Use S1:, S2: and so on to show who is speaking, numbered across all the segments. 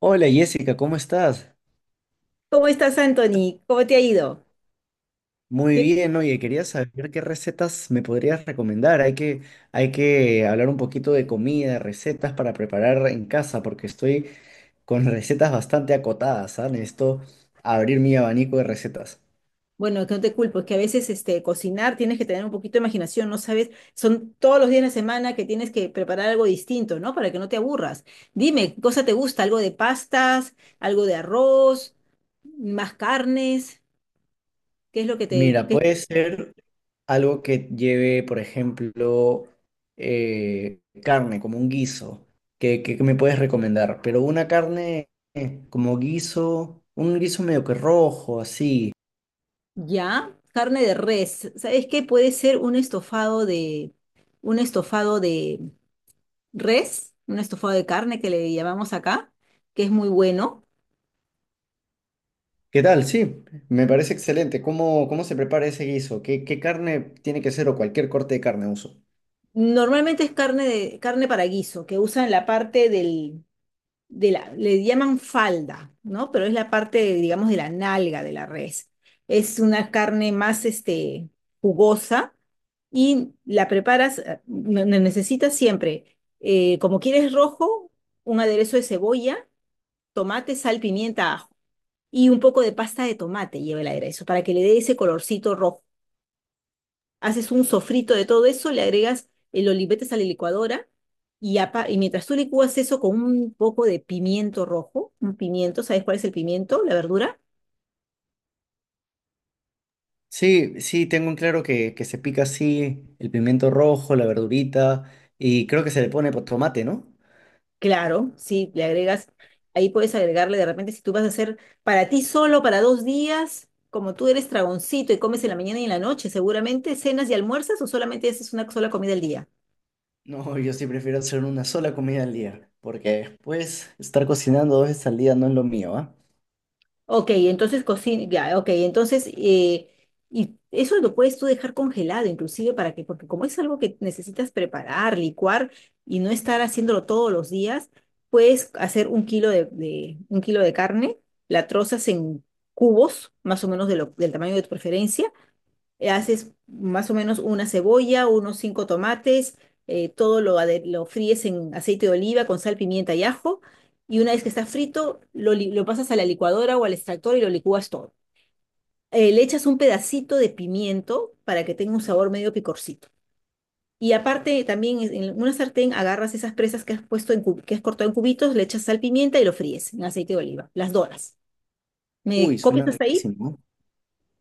S1: Hola Jessica, ¿cómo estás?
S2: ¿Cómo estás, Anthony? ¿Cómo te ha ido?
S1: Muy
S2: ¿Qué-
S1: bien, oye, quería saber qué recetas me podrías recomendar. Hay que hablar un poquito de comida, recetas para preparar en casa, porque estoy con recetas bastante acotadas, ¿sabes? Necesito abrir mi abanico de recetas.
S2: Bueno, que no te culpo, es que a veces cocinar tienes que tener un poquito de imaginación, no sabes, son todos los días de la semana que tienes que preparar algo distinto, ¿no? Para que no te aburras. Dime, ¿qué cosa te gusta? ¿Algo de pastas? ¿Algo de arroz? ¿Más carnes? ¿Qué es lo que te...
S1: Mira,
S2: qué-
S1: puede ser algo que lleve, por ejemplo, carne, como un guiso. ¿ Qué me puedes recomendar? Pero una carne como guiso, un guiso medio que rojo, así.
S2: ¿Ya? Carne de res. ¿Sabes qué? Puede ser un estofado de res, un estofado de carne que le llamamos acá, que es muy bueno.
S1: ¿Qué tal? Sí, me parece excelente. ¿ Cómo se prepara ese guiso? ¿Qué carne tiene que ser o cualquier corte de carne uso?
S2: Normalmente es carne, carne para guiso, que usan la parte de la, le llaman falda, ¿no? Pero es la parte, digamos, de la nalga de la res. Es una carne más, jugosa, y la preparas, necesitas siempre, como quieres rojo, un aderezo de cebolla, tomate, sal, pimienta, ajo, y un poco de pasta de tomate lleva el aderezo para que le dé ese colorcito rojo. Haces un sofrito de todo eso, le agregas el olivetes a la licuadora y, y mientras tú licúas eso con un poco de pimiento rojo, un pimiento, ¿sabes cuál es el pimiento? La verdura.
S1: Sí, sí, tengo en claro que se pica así el pimiento rojo, la verdurita y creo que se le pone tomate, ¿no?
S2: Claro, sí, le agregas, ahí puedes agregarle de repente si tú vas a hacer para ti solo, para dos días, como tú eres tragoncito y comes en la mañana y en la noche, seguramente cenas y almuerzas o solamente haces una sola comida al día.
S1: No, yo sí prefiero hacer una sola comida al día, porque después estar cocinando dos veces al día no es lo mío, ¿ah?
S2: Ok, entonces cocina, ya, ok, entonces, y eso lo puedes tú dejar congelado inclusive para que, porque como es algo que necesitas preparar, licuar y no estar haciéndolo todos los días, puedes hacer un kilo un kilo de carne, la trozas en cubos, más o menos de del tamaño de tu preferencia, haces más o menos una cebolla, unos cinco tomates, todo lo, lo fríes en aceite de oliva con sal, pimienta y ajo, y una vez que está frito, lo pasas a la licuadora o al extractor y lo licúas todo. Le echas un pedacito de pimiento para que tenga un sabor medio picorcito. Y aparte, también en una sartén agarras esas presas que has puesto en que has cortado en cubitos, le echas sal, pimienta y lo fríes en aceite de oliva. Las doras. ¿Me
S1: Uy, suena
S2: copias hasta ahí?
S1: riquísimo.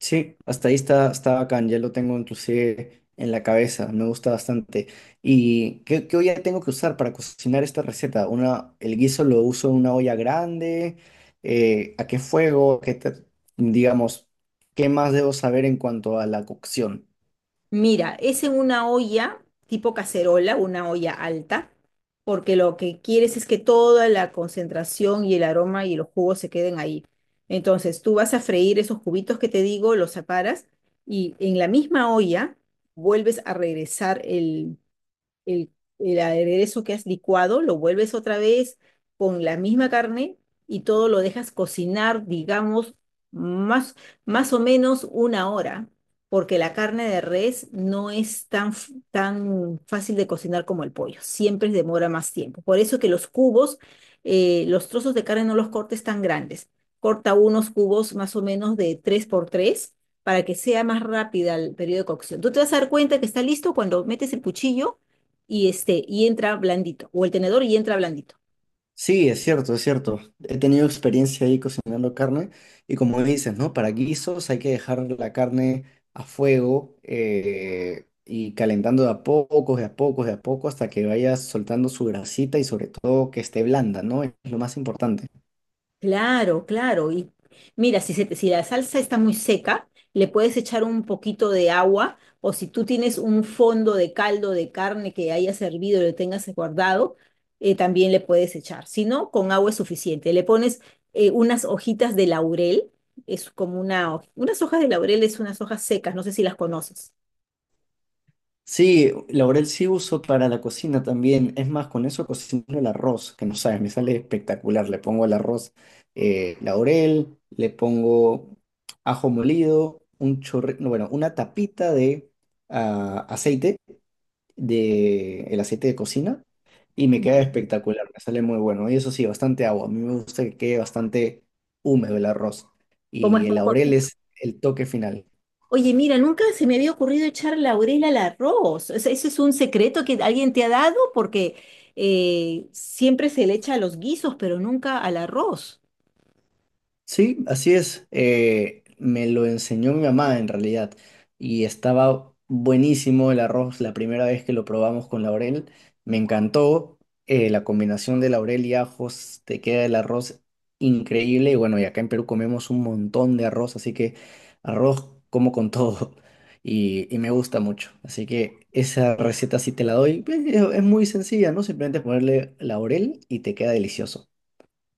S1: Sí, hasta ahí está bacán, ya lo tengo inclusive en la cabeza, me gusta bastante. ¿Y qué olla tengo que usar para cocinar esta receta? Una, el guiso lo uso en una olla grande, ¿a qué fuego? Digamos, ¿qué más debo saber en cuanto a la cocción?
S2: Mira, es en una olla tipo cacerola, una olla alta, porque lo que quieres es que toda la concentración y el aroma y los jugos se queden ahí. Entonces, tú vas a freír esos cubitos que te digo, los separas y en la misma olla vuelves a regresar el, el aderezo que has licuado, lo vuelves otra vez con la misma carne y todo lo dejas cocinar, digamos, más, más o menos 1 hora, porque la carne de res no es tan, tan fácil de cocinar como el pollo, siempre demora más tiempo. Por eso que los cubos, los trozos de carne no los cortes tan grandes. Corta unos cubos más o menos de 3 por 3 para que sea más rápida el periodo de cocción. Tú te vas a dar cuenta que está listo cuando metes el cuchillo y y entra blandito, o el tenedor y entra blandito.
S1: Sí, es cierto, es cierto. He tenido experiencia ahí cocinando carne y como dices, ¿no? Para guisos hay que dejar la carne a fuego y calentando de a poco, de a poco, de a poco hasta que vaya soltando su grasita y sobre todo que esté blanda, ¿no? Es lo más importante.
S2: Claro, claro. Y mira, si la salsa está muy seca, le puedes echar un poquito de agua, o si tú tienes un fondo de caldo de carne que haya servido y lo tengas guardado, también le puedes echar. Si no, con agua es suficiente. Le pones unas hojitas de laurel, es como unas hojas de laurel, es unas hojas secas, no sé si las conoces.
S1: Sí, laurel sí uso para la cocina también. Es más, con eso cocino el arroz, que no sabes, me sale espectacular. Le pongo el arroz laurel, le pongo ajo molido, un chorre, no, bueno, una tapita de aceite, de el aceite de cocina, y me queda
S2: Mm.
S1: espectacular, me sale muy bueno. Y eso sí, bastante agua. A mí me gusta que quede bastante húmedo el arroz.
S2: Como es.
S1: Y el laurel es el toque final.
S2: Oye, mira, nunca se me había ocurrido echar laurel al arroz. O sea, ¿eso es un secreto que alguien te ha dado? Porque siempre se le echa a los guisos, pero nunca al arroz.
S1: Sí, así es. Me lo enseñó mi mamá en realidad y estaba buenísimo el arroz la primera vez que lo probamos con laurel. Me encantó la combinación de laurel y ajos, te queda el arroz increíble y bueno, y acá en Perú comemos un montón de arroz, así que arroz como con todo y me gusta mucho. Así que esa receta sí te la doy pues. Es muy sencilla, ¿no? Simplemente ponerle laurel y te queda delicioso.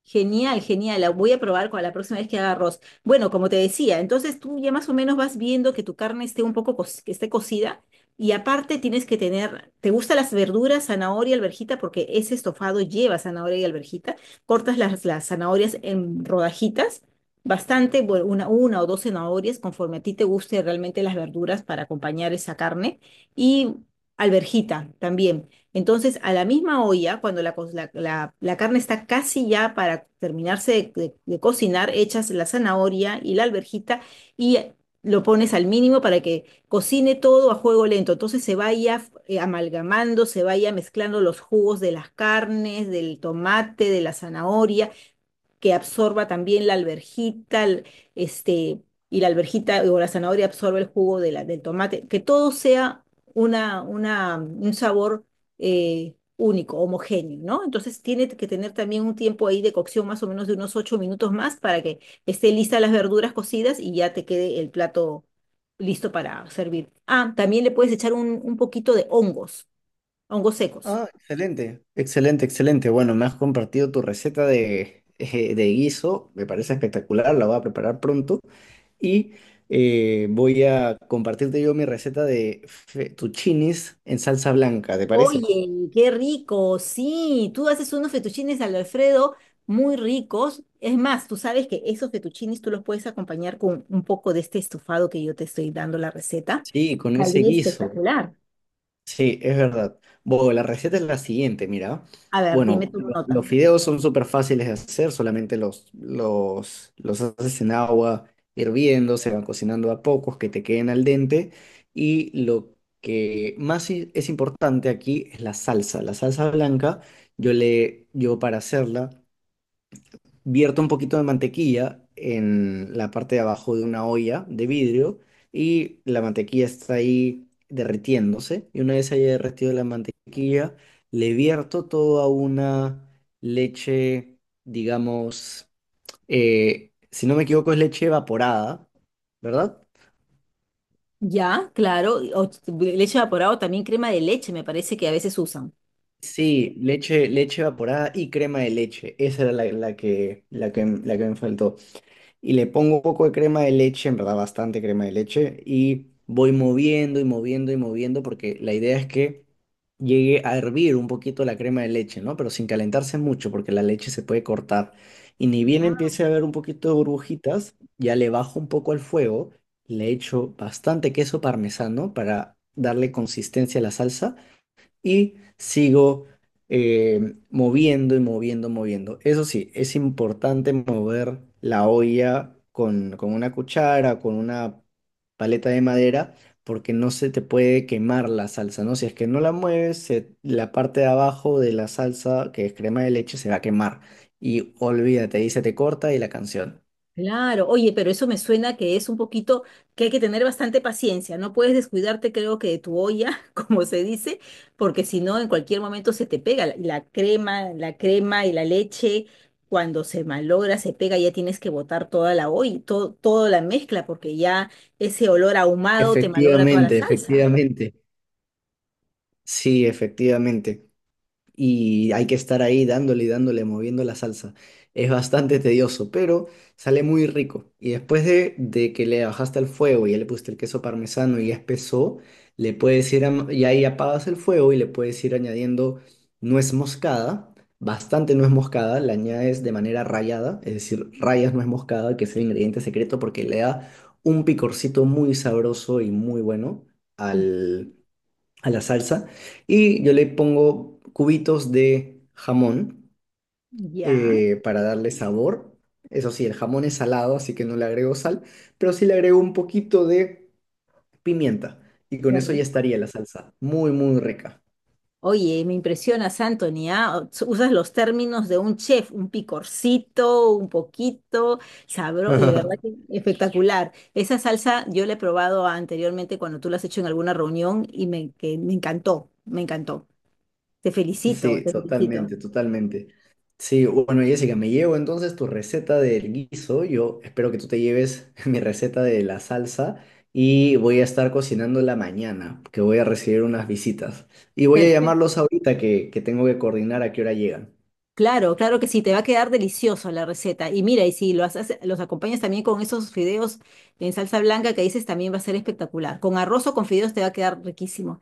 S2: Genial, genial. La voy a probar con la próxima vez que haga arroz. Bueno, como te decía, entonces tú ya más o menos vas viendo que tu carne esté un poco que esté cocida, y aparte tienes que tener, ¿te gustan las verduras, zanahoria, alverjita? Porque ese estofado lleva zanahoria y alverjita. Cortas las zanahorias en rodajitas, bastante, bueno, una o dos zanahorias conforme a ti te guste realmente las verduras para acompañar esa carne, y alverjita también. Entonces, a la misma olla, cuando la, co- la- la- la carne está casi ya para terminarse de cocinar, echas la zanahoria y la alverjita y lo pones al mínimo para que cocine todo a fuego lento. Entonces se vaya amalgamando, se vaya mezclando los jugos de las carnes, del tomate, de la zanahoria, que absorba también la alverjita, este, y la alverjita o la zanahoria absorbe el jugo de del tomate, que todo sea un sabor único, homogéneo, ¿no? Entonces tiene que tener también un tiempo ahí de cocción más o menos de unos 8 minutos más para que esté lista las verduras cocidas y ya te quede el plato listo para servir. Ah, también le puedes echar un poquito de hongos, hongos secos.
S1: Ah, excelente, excelente, excelente. Bueno, me has compartido tu receta de, de guiso, me parece espectacular, la voy a preparar pronto y voy a compartirte yo mi receta de fettuccinis en salsa blanca, ¿te parece?
S2: Oye, qué rico, sí, tú haces unos fettuccines al Alfredo muy ricos. Es más, tú sabes que esos fettuccines tú los puedes acompañar con un poco de este estofado que yo te estoy dando la receta.
S1: Sí, con ese
S2: Saldría
S1: guiso.
S2: espectacular.
S1: Sí, es verdad. Bueno, la receta es la siguiente, mira.
S2: A ver, dime
S1: Bueno,
S2: tu nota.
S1: los fideos son súper fáciles de hacer, solamente los haces en agua hirviendo, se van cocinando a pocos, que te queden al dente. Y lo que más es importante aquí es la salsa. La salsa blanca, yo para hacerla vierto un poquito de mantequilla en la parte de abajo de una olla de vidrio y la mantequilla está ahí derritiéndose. Y una vez haya derretido la mantequilla, le vierto toda una leche, digamos, si no me equivoco, es leche evaporada, ¿verdad?
S2: Ya, claro, leche evaporado, también crema de leche, me parece que a veces usan.
S1: Sí, leche, leche evaporada y crema de leche. Esa era la que me faltó. Y le pongo un poco de crema de leche, en verdad bastante crema de leche, y voy moviendo y moviendo y moviendo porque la idea es que llegue a hervir un poquito la crema de leche, ¿no? Pero sin calentarse mucho porque la leche se puede cortar. Y ni bien empiece a ver un poquito de burbujitas, ya le bajo un poco al fuego, le echo bastante queso parmesano para darle consistencia a la salsa y sigo moviendo y moviendo. Eso sí, es importante mover la olla con una cuchara, con una paleta de madera, porque no se te puede quemar la salsa, ¿no? Si es que no la mueves, la parte de abajo de la salsa, que es crema de leche, se va a quemar. Y olvídate, ahí se te corta y la canción.
S2: Claro, oye, pero eso me suena que es un poquito que hay que tener bastante paciencia, no puedes descuidarte, creo que de tu olla, como se dice, porque si no, en cualquier momento se te pega la crema y la leche, cuando se malogra, se pega, ya tienes que botar toda la olla, todo, toda la mezcla, porque ya ese olor ahumado te malogra toda la
S1: Efectivamente,
S2: salsa.
S1: efectivamente. Sí, efectivamente. Y hay que estar ahí dándole y dándole, moviendo la salsa. Es bastante tedioso, pero sale muy rico. Y después de que le bajaste el fuego y ya le pusiste el queso parmesano y ya espesó, le puedes ir, am- y ahí apagas el fuego y le puedes ir añadiendo nuez moscada, bastante nuez moscada, la añades de manera rallada, es decir, rayas nuez moscada, que es el ingrediente secreto porque le da un picorcito muy sabroso y muy bueno
S2: Mm.
S1: a la salsa y yo le pongo cubitos de jamón
S2: Ya,
S1: para darle sabor. Eso sí, el jamón es salado, así que no le agrego sal, pero sí le agrego un poquito de pimienta y con
S2: qué
S1: eso ya
S2: rico.
S1: estaría la salsa. Muy, muy rica.
S2: Oye, me impresionas, Anthony, ¿ah? Usas los términos de un chef, un picorcito, un poquito, sabro, de verdad que espectacular. Esa salsa yo la he probado anteriormente cuando tú la has hecho en alguna reunión y que me encantó, me encantó. Te felicito,
S1: Sí,
S2: te felicito.
S1: totalmente, totalmente. Sí, bueno, Jessica, me llevo entonces tu receta del guiso. Yo espero que tú te lleves mi receta de la salsa y voy a estar cocinándola mañana, que voy a recibir unas visitas. Y voy a llamarlos
S2: Perfecto.
S1: ahorita que tengo que coordinar a qué hora llegan.
S2: Claro, claro que sí, te va a quedar delicioso la receta. Y mira, y si lo los acompañas también con esos fideos en salsa blanca que dices, también va a ser espectacular. Con arroz o con fideos te va a quedar riquísimo.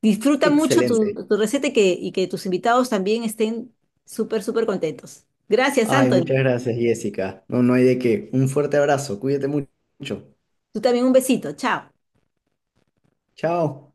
S2: Disfruta mucho
S1: Excelente.
S2: tu receta y y que tus invitados también estén súper, súper contentos. Gracias,
S1: Ay, muchas
S2: Anthony.
S1: gracias, Jessica. No, no hay de qué. Un fuerte abrazo. Cuídate mucho.
S2: Tú también un besito. Chao.
S1: Chao.